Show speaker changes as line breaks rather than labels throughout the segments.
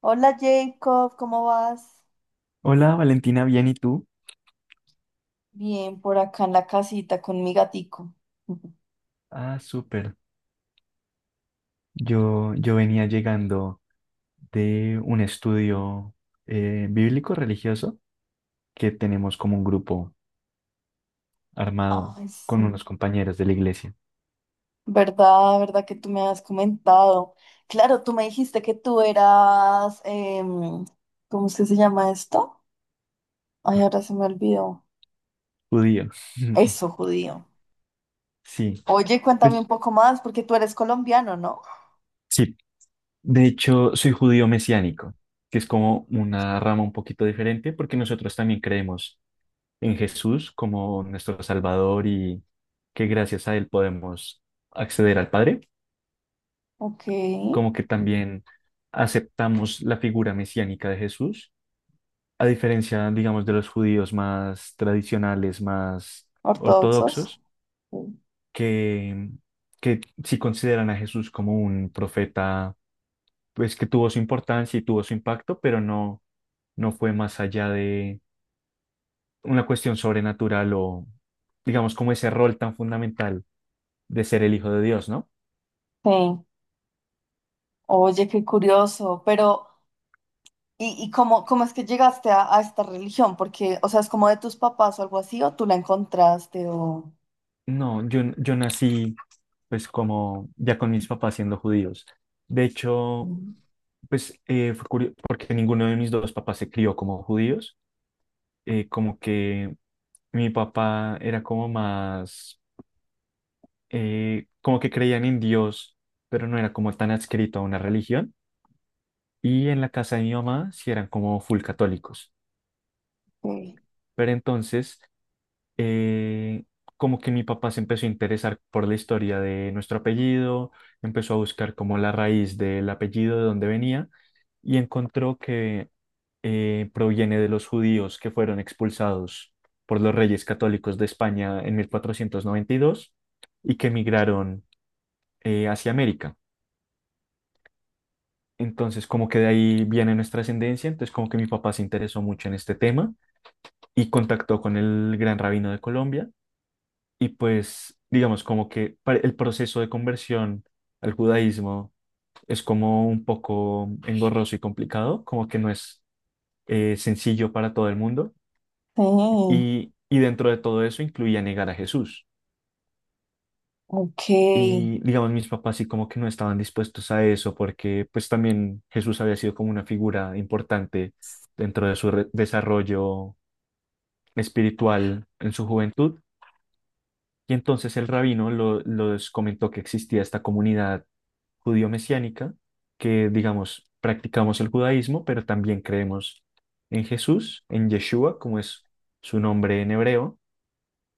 Hola Jacob, ¿cómo vas?
Hola Valentina, bien, ¿y tú?
Bien, por acá en la casita con mi gatico.
Ah, súper. Yo venía llegando de un estudio bíblico religioso que tenemos como un grupo armado
Ay,
con
sí.
unos compañeros de la iglesia,
¿Verdad? ¿Verdad que tú me has comentado? Claro, tú me dijiste que tú eras, ¿cómo es que se llama esto? Ay, ahora se me olvidó.
judío.
Eso, judío.
Sí,
Oye, cuéntame un
pues
poco más, porque tú eres colombiano, ¿no?
sí. De hecho, soy judío mesiánico, que es como una rama un poquito diferente porque nosotros también creemos en Jesús como nuestro Salvador y que gracias a él podemos acceder al Padre.
Ok,
Como que también aceptamos la figura mesiánica de Jesús, a diferencia, digamos, de los judíos más tradicionales, más
ortodoxos.
ortodoxos,
Sí.
que, que sí consideran a Jesús como un profeta, pues que tuvo su importancia y tuvo su impacto, pero no fue más allá de una cuestión sobrenatural o, digamos, como ese rol tan fundamental de ser el Hijo de Dios, ¿no?
Sí. Oye, qué curioso, pero ¿y cómo es que llegaste a esta religión? Porque, o sea, es como de tus papás o algo así, o tú la encontraste, o...
No, yo nací pues como ya con mis papás siendo judíos. De hecho,
Mm.
pues fue curioso porque ninguno de mis dos papás se crió como judíos. Como que mi papá era como más, como que creían en Dios, pero no era como tan adscrito a una religión. Y en la casa de mi mamá sí eran como full católicos.
Sí,
Pero entonces eh, como que mi papá se empezó a interesar por la historia de nuestro apellido, empezó a buscar como la raíz del apellido de dónde venía y encontró que proviene de los judíos que fueron expulsados por los reyes católicos de España en 1492 y dos y que emigraron hacia América. Entonces, como que de ahí viene nuestra ascendencia, entonces como que mi papá se interesó mucho en este tema y contactó con el gran rabino de Colombia. Y pues, digamos, como que el proceso de conversión al judaísmo es como un poco engorroso y complicado, como que no es sencillo para todo el mundo.
sí,
Y dentro de todo eso incluía negar a Jesús.
ok,
Y digamos, mis papás sí como que no estaban dispuestos a eso porque pues también Jesús había sido como una figura importante dentro de su desarrollo espiritual en su juventud. Y entonces el rabino los comentó que existía esta comunidad judío-mesiánica, que digamos, practicamos el judaísmo, pero también creemos en Jesús, en Yeshua, como es su nombre en hebreo.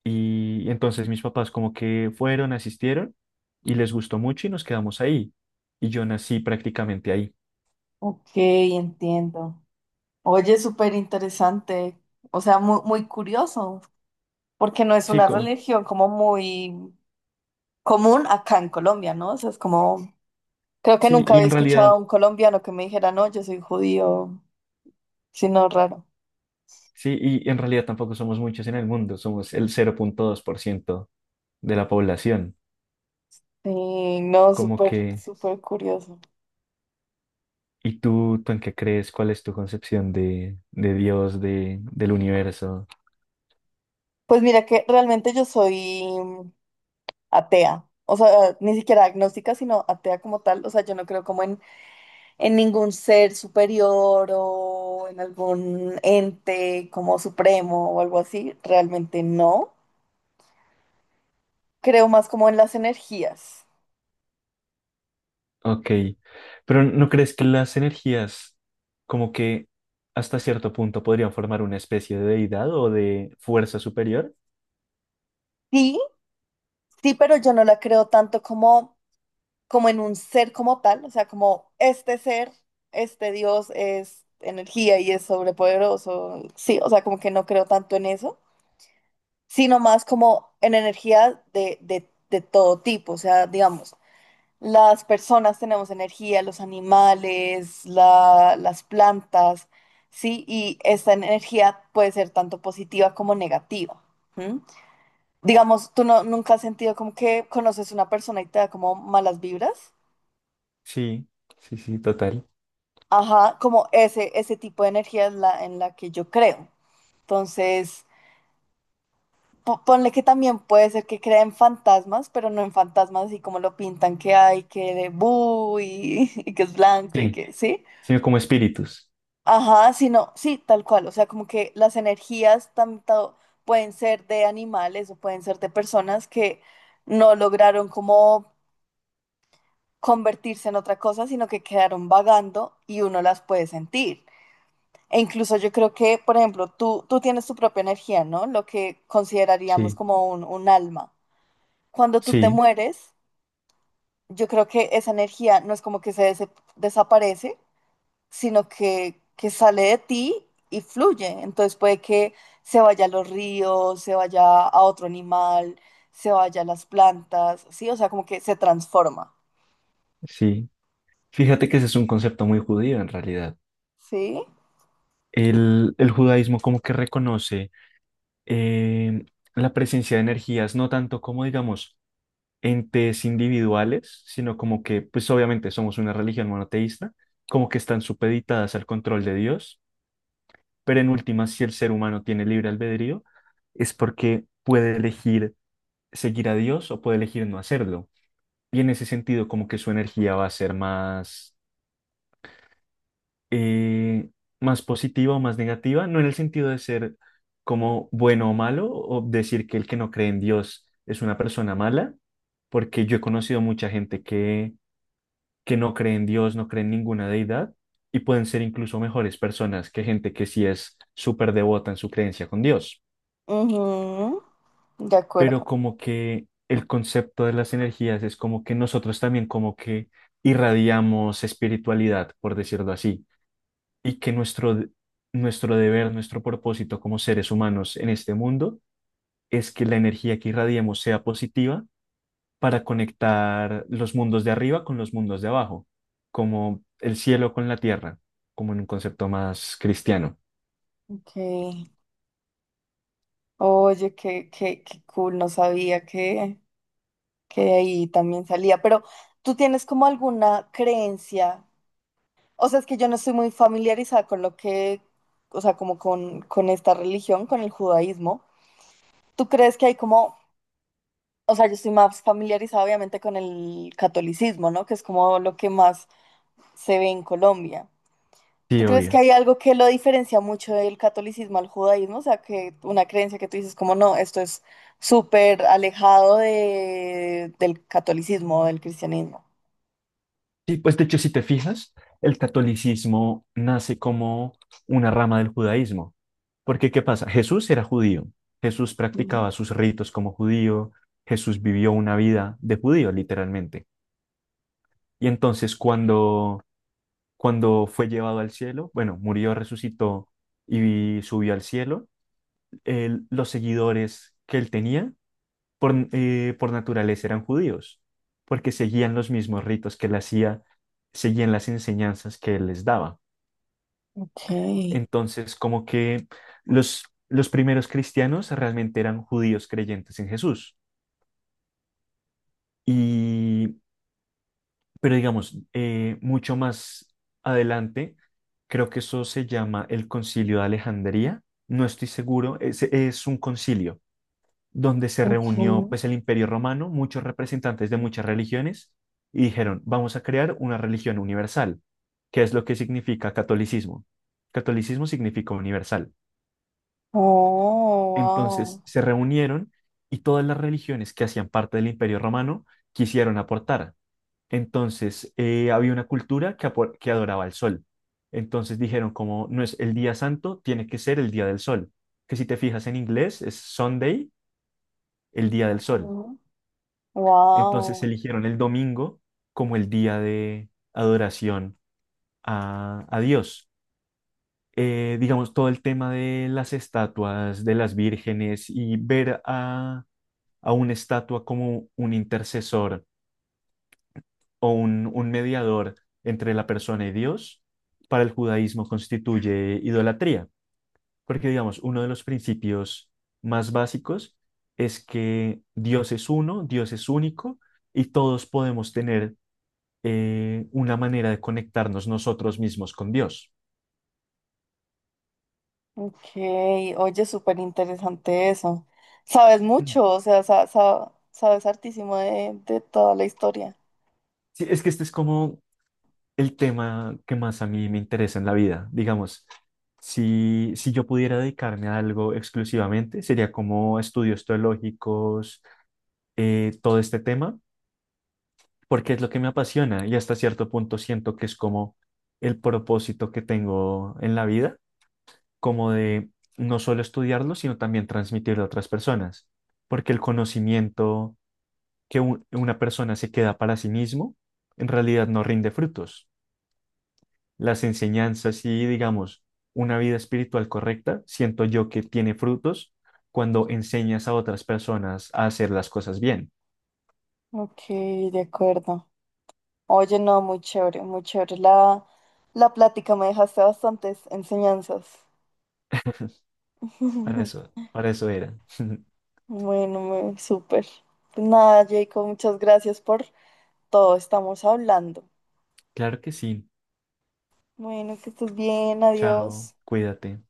Y entonces mis papás como que fueron, asistieron y les gustó mucho y nos quedamos ahí. Y yo nací prácticamente ahí.
ok, entiendo. Oye, súper interesante, o sea, muy, muy curioso, porque no es
Sí,
una religión como muy común acá en Colombia, ¿no? O sea, es como, creo que
sí,
nunca
y
había
en
escuchado a
realidad,
un colombiano que me dijera, no, yo soy judío, sino raro.
sí, y en realidad tampoco somos muchos en el mundo, somos el cero punto dos por ciento de la población.
Sí, no,
Como
súper,
que
súper curioso.
¿Y tú en qué crees? ¿Cuál es tu concepción de Dios, del universo?
Pues mira que realmente yo soy atea, o sea, ni siquiera agnóstica, sino atea como tal, o sea, yo no creo como en ningún ser superior o en algún ente como supremo o algo así, realmente no. Creo más como en las energías.
Ok, pero ¿no crees que las energías como que hasta cierto punto podrían formar una especie de deidad o de fuerza superior?
Sí, sí, pero yo no la creo tanto como en un ser como tal, o sea, como este ser, este Dios es energía y es sobrepoderoso, sí, o sea, como que no creo tanto en eso sino más como en energía de todo tipo. O sea, digamos, las personas tenemos energía, los animales, las plantas, ¿sí? Y esta energía puede ser tanto positiva como negativa. ¿M? Digamos, tú no, nunca has sentido como que conoces una persona y te da como malas vibras.
Sí, sí, sí, total.
Ajá, como ese tipo de energía es la en la que yo creo. Entonces, ponle que también puede ser que crea en fantasmas, pero no en fantasmas así como lo pintan que hay, que de bu y, y que es blanco y
Sí,
que, ¿sí?
sí, como espíritus.
Ajá, sino, sí, tal cual. O sea, como que las energías tanto pueden ser de animales o pueden ser de personas que no lograron como convertirse en otra cosa, sino que quedaron vagando y uno las puede sentir. E incluso yo creo que, por ejemplo, tú tienes tu propia energía, ¿no? Lo que consideraríamos
Sí,
como un alma cuando tú te
sí,
mueres, yo creo que esa energía no es como que desaparece, sino que sale de ti y fluye. Entonces puede que se vaya a los ríos, se vaya a otro animal, se vaya a las plantas, ¿sí? O sea, como que se transforma,
sí. Fíjate que ese es un concepto muy judío en realidad.
¿sí?
El judaísmo como que reconoce em, la presencia de energías, no tanto como digamos entes individuales, sino como que, pues obviamente somos una religión monoteísta, como que están supeditadas al control de Dios, pero en última, si el ser humano tiene libre albedrío, es porque puede elegir seguir a Dios o puede elegir no hacerlo. Y en ese sentido, como que su energía va a ser eh, más positiva o más negativa, no en el sentido de ser como bueno o malo, o decir que el que no cree en Dios es una persona mala, porque yo he conocido mucha gente que no creen en Dios, no creen en ninguna deidad y pueden ser incluso mejores personas que gente que sí es súper devota en su creencia con Dios.
Ujú, de
Pero
acuerdo.
como que el concepto de las energías es como que nosotros también como que irradiamos espiritualidad, por decirlo así, y que nuestro deber, nuestro propósito como seres humanos en este mundo es que la energía que irradiemos sea positiva para conectar los mundos de arriba con los mundos de abajo, como el cielo con la tierra, como en un concepto más cristiano.
Ok. Oye, qué cool, no sabía que, de ahí también salía. Pero ¿tú tienes como alguna creencia? O sea, es que yo no estoy muy familiarizada con lo que, o sea, como con esta religión, con el judaísmo. ¿Tú crees que hay como, o sea, yo estoy más familiarizada obviamente con el catolicismo, ¿no? Que es como lo que más se ve en Colombia.
Sí,
¿Tú crees que
obvio.
hay algo que lo diferencia mucho del catolicismo al judaísmo? O sea, que una creencia que tú dices como, no, esto es súper alejado del catolicismo, del cristianismo.
Sí, pues de hecho, si te fijas, el catolicismo nace como una rama del judaísmo. Porque, ¿qué pasa? Jesús era judío. Jesús
Mm,
practicaba sus ritos como judío. Jesús vivió una vida de judío, literalmente. Y entonces, cuando fue llevado al cielo, bueno, murió, resucitó y subió al cielo, los seguidores que él tenía por naturaleza eran judíos, porque seguían los mismos ritos que él hacía, seguían las enseñanzas que él les daba.
ok.
Entonces, como que los, los primeros cristianos realmente eran judíos creyentes en Jesús. Y, pero digamos, mucho más adelante, creo que eso se llama el Concilio de Alejandría. No estoy seguro, es un concilio donde se
Ok.
reunió pues el Imperio Romano, muchos representantes de muchas religiones, y dijeron, vamos a crear una religión universal. ¿Qué es lo que significa catolicismo? Catolicismo significa universal.
Oh,
Entonces se reunieron y todas las religiones que hacían parte del Imperio Romano quisieron aportar. Entonces había una cultura que, que adoraba el sol. Entonces dijeron como no es el día santo, tiene que ser el día del sol. Que si te fijas en inglés es Sunday, el día del sol.
wow.
Entonces
Wow,
eligieron el domingo como el día de adoración a Dios. Digamos, todo el tema de las estatuas, de las vírgenes y ver a una estatua como un intercesor o un mediador entre la persona y Dios, para el judaísmo constituye idolatría, porque digamos, uno de los principios más básicos es que Dios es uno, Dios es único y todos podemos tener una manera de conectarnos nosotros mismos con Dios.
ok, oye, súper interesante eso. Sabes
Mm.
mucho, o sea, sabes hartísimo de toda la historia.
Sí, es que este es como el tema que más a mí me interesa en la vida. Digamos, si yo pudiera dedicarme a algo exclusivamente, sería como estudios teológicos, todo este tema, porque es lo que me apasiona y hasta cierto punto siento que es como el propósito que tengo en la vida, como de no solo estudiarlo, sino también transmitirlo a otras personas, porque el conocimiento que una persona se queda para sí mismo, en realidad no rinde frutos. Las enseñanzas y, digamos, una vida espiritual correcta, siento yo que tiene frutos cuando enseñas a otras personas a hacer las cosas bien.
Ok, de acuerdo. Oye, no, muy chévere, muy chévere. La plática me dejaste bastantes enseñanzas.
Para eso era.
Bueno, súper. Pues nada, Jacob, muchas gracias por todo. Estamos hablando.
Claro que sí.
Bueno, que estés bien,
Chao,
adiós.
cuídate.